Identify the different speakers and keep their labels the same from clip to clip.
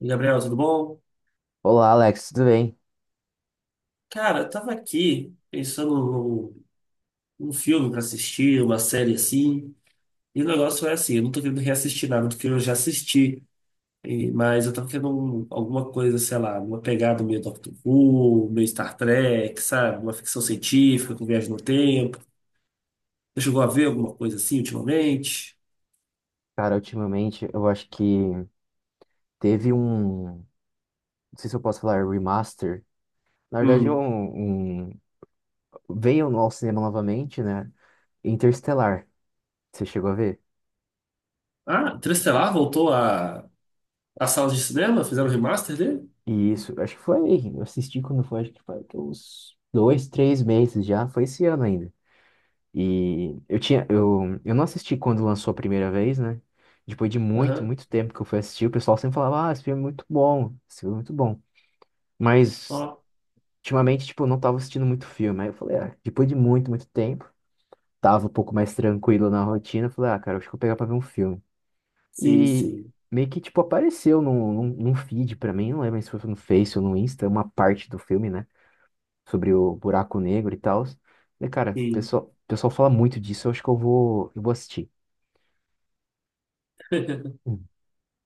Speaker 1: Gabriel, tudo bom?
Speaker 2: Olá, Alex, tudo bem?
Speaker 1: Cara, eu tava aqui pensando num filme pra assistir, uma série assim, e o negócio é assim, eu não tô querendo reassistir nada do que eu já assisti, mas eu tava querendo alguma coisa, sei lá, uma pegada meio Doctor Who, meio Star Trek, sabe? Uma ficção científica com viagem no tempo. Você chegou a ver alguma coisa assim ultimamente?
Speaker 2: Cara, ultimamente eu acho que teve um. Não sei se eu posso falar remaster. Na verdade,
Speaker 1: Hum.
Speaker 2: veio ao cinema novamente, né? Interestelar. Você chegou a ver?
Speaker 1: Ah, Interestelar voltou à sala de cinema? Fizeram o remaster dele?
Speaker 2: E isso, acho que foi. Eu assisti quando foi, acho que foi que uns dois, três meses já. Foi esse ano ainda. E eu tinha. Eu não assisti quando lançou a primeira vez, né? Depois de muito,
Speaker 1: Aham.
Speaker 2: muito tempo que eu fui assistir, o pessoal sempre falava: Ah, esse filme é muito bom. Esse filme é muito bom. Mas.
Speaker 1: Ó,
Speaker 2: Ultimamente, tipo, eu não tava assistindo muito filme. Aí eu falei, ah, depois de muito, muito tempo, tava um pouco mais tranquilo na rotina. Eu falei, ah, cara, acho que eu vou pegar pra ver um filme.
Speaker 1: sim,
Speaker 2: E
Speaker 1: sim.
Speaker 2: meio que, tipo, apareceu num feed pra mim, não lembro se foi no Face ou no Insta, uma parte do filme, né? Sobre o buraco negro e tal. Falei, cara, o
Speaker 1: Sim.
Speaker 2: pessoal, o pessoal fala muito disso, eu acho que eu vou assistir. Uhum.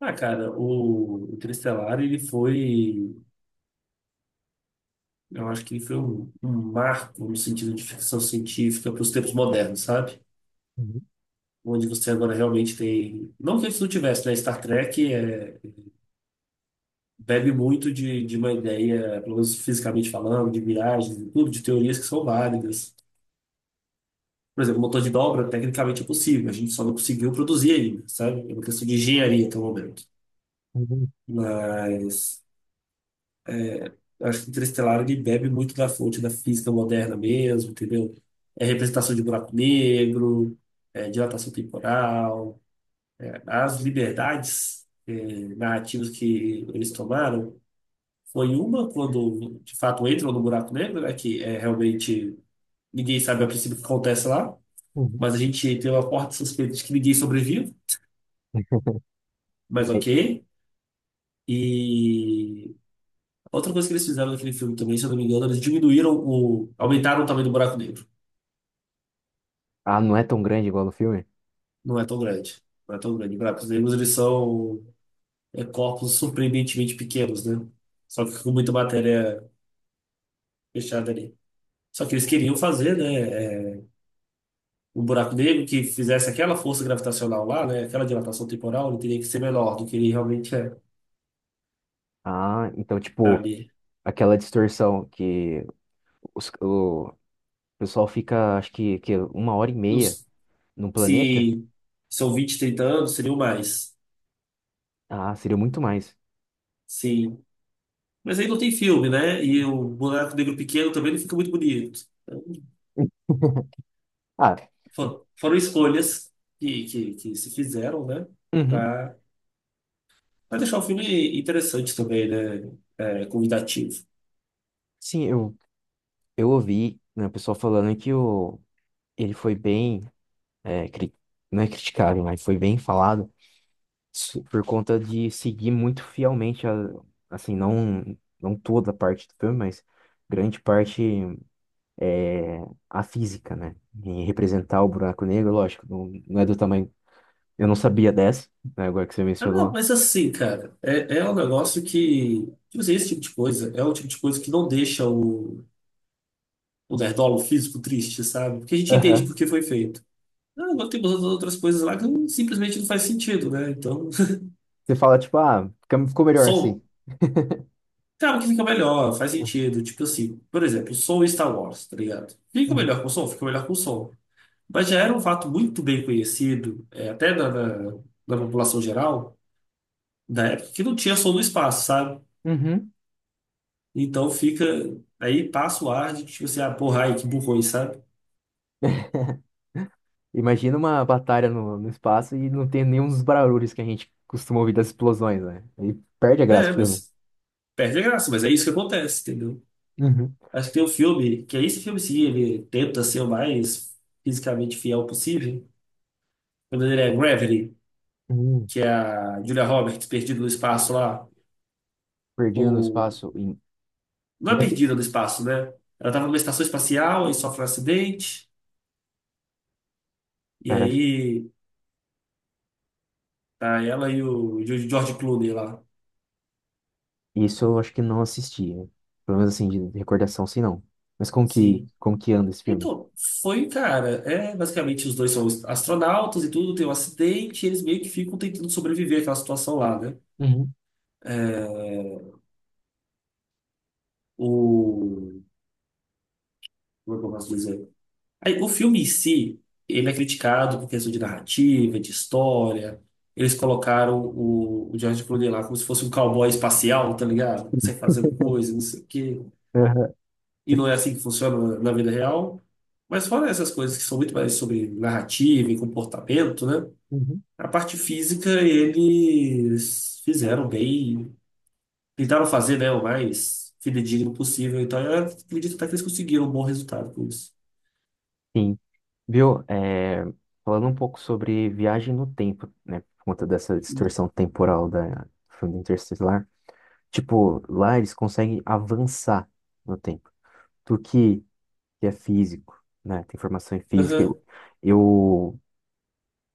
Speaker 1: Ah, cara, o Interestelar, ele foi, eu acho que ele foi um marco no sentido de ficção científica para os tempos modernos, sabe? Onde você agora realmente tem. Não que antes não tivesse, né? Star Trek bebe muito de uma ideia, pelo menos fisicamente falando, de miragens e tudo, de teorias que são válidas. Por exemplo, o motor de dobra, tecnicamente é possível, a gente só não conseguiu produzir ainda, sabe? É uma questão de engenharia até o momento.
Speaker 2: Uhum,
Speaker 1: Mas. Eu acho que Interestelar ele bebe muito da fonte da física moderna mesmo, entendeu? É representação de buraco negro, é dilatação temporal, as liberdades narrativas que eles tomaram. Foi uma quando, de fato, entram no buraco negro, né, que é realmente ninguém sabe a princípio o que acontece lá,
Speaker 2: uhum.
Speaker 1: mas a gente tem uma forte suspeita de que ninguém sobrevive, mas
Speaker 2: É.
Speaker 1: ok. E outra coisa que eles fizeram naquele filme também, se eu não me engano, eles aumentaram o tamanho do buraco negro.
Speaker 2: Ah, não é tão grande igual no filme?
Speaker 1: Não é tão grande. Não é tão grande. Claro, os negros, eles são corpos surpreendentemente pequenos, né? Só que com muita matéria fechada ali. Só que eles queriam fazer, né, um buraco negro que fizesse aquela força gravitacional lá, né, aquela dilatação temporal, ele teria que ser menor do que ele realmente é.
Speaker 2: Ah, então,
Speaker 1: Tá
Speaker 2: tipo,
Speaker 1: ali.
Speaker 2: aquela distorção que os, o, o pessoal fica, acho que uma hora e meia
Speaker 1: Nos-
Speaker 2: num planeta.
Speaker 1: Se são 20, 30 anos, seriam mais.
Speaker 2: Ah, seria muito mais.
Speaker 1: Sim. Mas aí não tem filme, né? E
Speaker 2: Uhum.
Speaker 1: o buraco negro pequeno também não fica muito bonito.
Speaker 2: Ah,
Speaker 1: Foram escolhas que se fizeram, né?
Speaker 2: uhum.
Speaker 1: Pra, pra deixar o filme interessante também, né? É, convidativo.
Speaker 2: Sim, eu ouvi, né, o pessoal falando que o, ele foi bem, é, não é criticado, mas foi bem falado por conta de seguir muito fielmente, a, assim, não, não toda a parte do filme, mas grande parte é, a física, né? E representar o buraco negro, lógico, não, não é do tamanho, eu não sabia dessa, né, agora que você
Speaker 1: Ah, não,
Speaker 2: mencionou.
Speaker 1: mas assim, cara, é um negócio que. Tipo assim, esse tipo de coisa é o tipo de coisa que não deixa o nerdola, físico triste, sabe? Porque a gente entende por que foi feito. Ah, agora tem umas outras coisas lá que simplesmente não faz sentido, né? Então,
Speaker 2: Você fala, tipo, ah, ficou melhor
Speaker 1: som.
Speaker 2: assim.
Speaker 1: Claro que fica melhor, faz sentido. Tipo assim, por exemplo, som em Star Wars, tá ligado? Fica
Speaker 2: Uhum.
Speaker 1: melhor com som? Fica melhor com som. Mas já era um fato muito bem conhecido, até da população geral, da época, que não tinha som no espaço, sabe?
Speaker 2: Uhum.
Speaker 1: Então fica. Aí passa o ar de que, tipo assim, ah, porra, ai, que burrões, sabe?
Speaker 2: Imagina uma batalha no espaço e não tem nenhum dos barulhos que a gente costuma ouvir das explosões, né? Aí perde a graça
Speaker 1: É,
Speaker 2: do filme.
Speaker 1: mas perde a graça, mas é isso que acontece, entendeu?
Speaker 2: Uhum.
Speaker 1: Acho que tem um filme, que é esse filme sim, ele tenta ser o mais fisicamente fiel possível. O nome dele é Gravity,
Speaker 2: Uhum.
Speaker 1: que é a Julia Roberts perdida no espaço lá,
Speaker 2: Perdido no
Speaker 1: ou.
Speaker 2: espaço.
Speaker 1: Não
Speaker 2: Não
Speaker 1: é
Speaker 2: é que-
Speaker 1: perdida no espaço, né? Ela tava numa estação espacial e sofre um acidente. E
Speaker 2: Cara, acho-
Speaker 1: aí tá, ela e o George Clooney lá.
Speaker 2: isso eu acho que não assisti. Né? Pelo menos assim, de recordação, sim, não. Mas
Speaker 1: Sim.
Speaker 2: como que anda esse filme?
Speaker 1: Então, foi, cara, basicamente os dois são astronautas e tudo, tem um acidente, e eles meio que ficam tentando sobreviver àquela situação lá, né?
Speaker 2: Uhum.
Speaker 1: O, como é que eu posso dizer? Aí, o filme em si, ele é criticado por questão de narrativa, de história. Eles colocaram o George Clooney lá como se fosse um cowboy espacial, tá ligado? Sem fazer coisa, não sei o quê.
Speaker 2: Uhum.
Speaker 1: E não é assim que funciona na vida real. Mas fora essas coisas que são muito mais sobre narrativa e comportamento, né?
Speaker 2: Uhum.
Speaker 1: A parte física eles fizeram bem, tentaram fazer, né, o mais fidedigno possível. Então eu acredito até que eles conseguiram um bom resultado com isso.
Speaker 2: Sim. Viu? É, falando um pouco sobre viagem no tempo, né? Por conta dessa distorção temporal da do filme Interestelar. Tipo, lá eles conseguem avançar no tempo. Tu que é físico, né? Tem formação em física.
Speaker 1: Aham.
Speaker 2: Eu,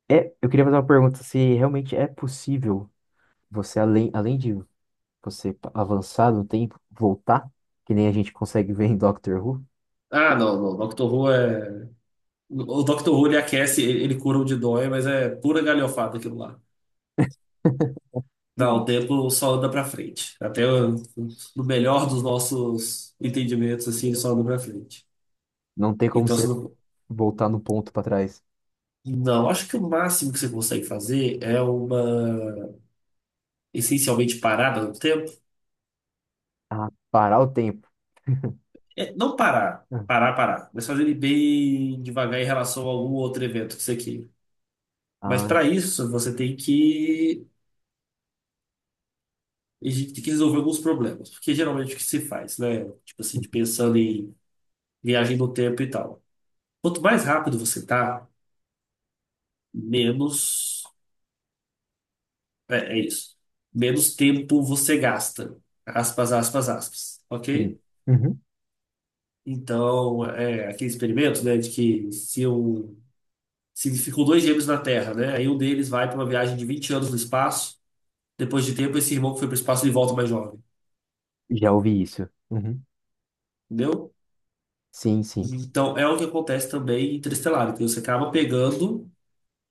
Speaker 2: é, eu queria fazer uma pergunta se realmente é possível você, além, além de você avançar no tempo, voltar, que nem a gente consegue ver em Doctor Who.
Speaker 1: Ah, não, não. Doctor Who é. O Doctor Who ele aquece, ele cura o de dói, mas é pura galhofada aquilo lá. Não, o tempo só anda pra frente. No melhor dos nossos entendimentos, assim, ele só anda pra frente.
Speaker 2: Não tem como
Speaker 1: Então, você
Speaker 2: você
Speaker 1: não,
Speaker 2: voltar no ponto para trás.
Speaker 1: não, acho que o máximo que você consegue fazer é uma essencialmente parada no tempo.
Speaker 2: Ah, parar o tempo.
Speaker 1: É, não parar, mas fazer ele bem devagar em relação a algum outro evento que você queira. Mas
Speaker 2: Ah,
Speaker 1: para isso, a gente tem que resolver alguns problemas, porque geralmente o que se faz, né? Tipo assim, de pensando em viagem no tempo e tal. Quanto mais rápido você tá, menos. É, é isso. Menos tempo você gasta. Aspas, aspas, aspas.
Speaker 2: sim.
Speaker 1: Ok?
Speaker 2: Uhum.
Speaker 1: Então, é aquele experimento, né, de que se ficam dois gêmeos na Terra, né, aí um deles vai para uma viagem de 20 anos no espaço, depois de tempo esse irmão que foi para o espaço ele volta mais jovem,
Speaker 2: Já ouvi isso. Uhum.
Speaker 1: entendeu?
Speaker 2: Sim, sim.
Speaker 1: Então, é o que acontece também em Interestelar, então você acaba pegando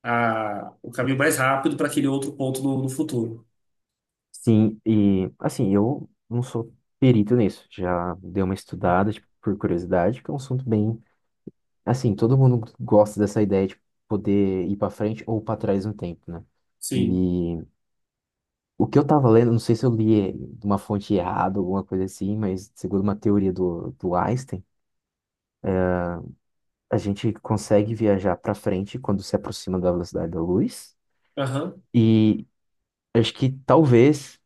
Speaker 1: o caminho mais rápido para aquele outro ponto no futuro.
Speaker 2: Sim, e assim, eu não sou perito nisso. Já dei uma estudada, tipo, por curiosidade, que é um assunto bem. Assim, todo mundo gosta dessa ideia de poder ir para frente ou para trás no tempo, né?
Speaker 1: Sim.
Speaker 2: E o que eu tava lendo, não sei se eu li de uma fonte errada, alguma coisa assim, mas segundo uma teoria do Einstein, a gente consegue viajar para frente quando se aproxima da velocidade da luz.
Speaker 1: Aham.
Speaker 2: E acho que talvez.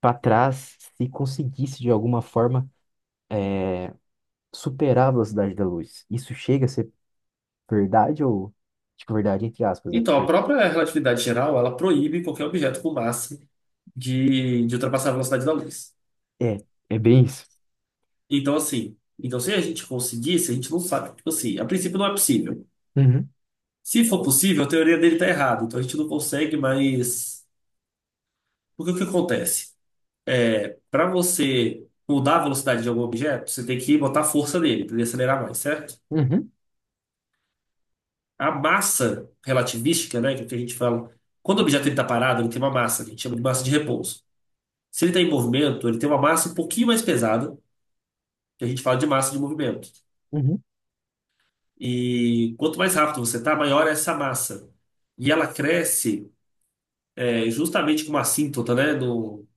Speaker 2: Para trás se conseguisse de alguma forma superar a velocidade da luz. Isso chega a ser verdade ou tipo verdade entre aspas, né?
Speaker 1: Então, a
Speaker 2: Porque
Speaker 1: própria relatividade geral, ela proíbe qualquer objeto com massa de ultrapassar a velocidade da luz.
Speaker 2: é, é bem isso.
Speaker 1: Então, assim, então se a gente conseguisse, a gente não sabe, tipo assim, a princípio não é possível.
Speaker 2: Uhum,
Speaker 1: Se for possível, a teoria dele tá errada, então a gente não consegue, mas porque o que acontece? É, para você mudar a velocidade de algum objeto, você tem que botar a força nele para ele acelerar mais, certo?
Speaker 2: uhum,
Speaker 1: A massa relativística, né, que é o que a gente fala, quando o objeto ele tá parado, ele tem uma massa, que a gente chama de massa de repouso. Se ele está em movimento, ele tem uma massa um pouquinho mais pesada, que a gente fala de massa de movimento.
Speaker 2: uhum.
Speaker 1: E quanto mais rápido você tá, maior é essa massa. E ela cresce justamente com uma assíntota, né? No,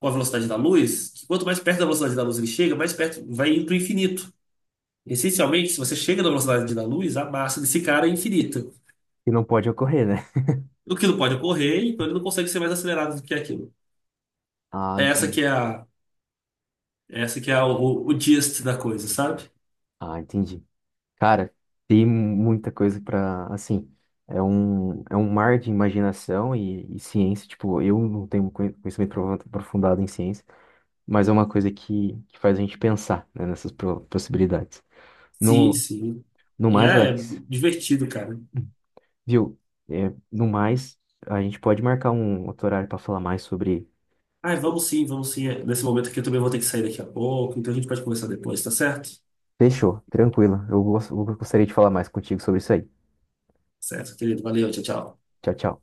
Speaker 1: com a velocidade da luz, que quanto mais perto da velocidade da luz ele chega, mais perto vai indo para o infinito. Essencialmente, se você chega na velocidade da luz, a massa desse cara é infinita.
Speaker 2: E não pode ocorrer, né?
Speaker 1: O que não pode ocorrer, então ele não consegue ser mais acelerado do que aquilo.
Speaker 2: Ah,
Speaker 1: Essa
Speaker 2: entendi.
Speaker 1: que é é essa que é o gist da coisa, sabe?
Speaker 2: Ah, entendi. Cara, tem muita coisa para assim, é um mar de imaginação e ciência, tipo, eu não tenho um conhecimento aprofundado em ciência, mas é uma coisa que faz a gente pensar, né, nessas possibilidades.
Speaker 1: Sim,
Speaker 2: No
Speaker 1: sim.
Speaker 2: no
Speaker 1: E
Speaker 2: mais,
Speaker 1: é
Speaker 2: Alex.
Speaker 1: divertido, cara.
Speaker 2: Viu? É, no mais, a gente pode marcar um outro horário para falar mais sobre.
Speaker 1: Ai, vamos sim, vamos sim. É, nesse momento aqui eu também vou ter que sair daqui a pouco, então a gente pode conversar depois, tá certo?
Speaker 2: Fechou, tranquilo. Eu eu gostaria de falar mais contigo sobre isso aí.
Speaker 1: Certo, querido. Valeu, tchau, tchau.
Speaker 2: Tchau, tchau.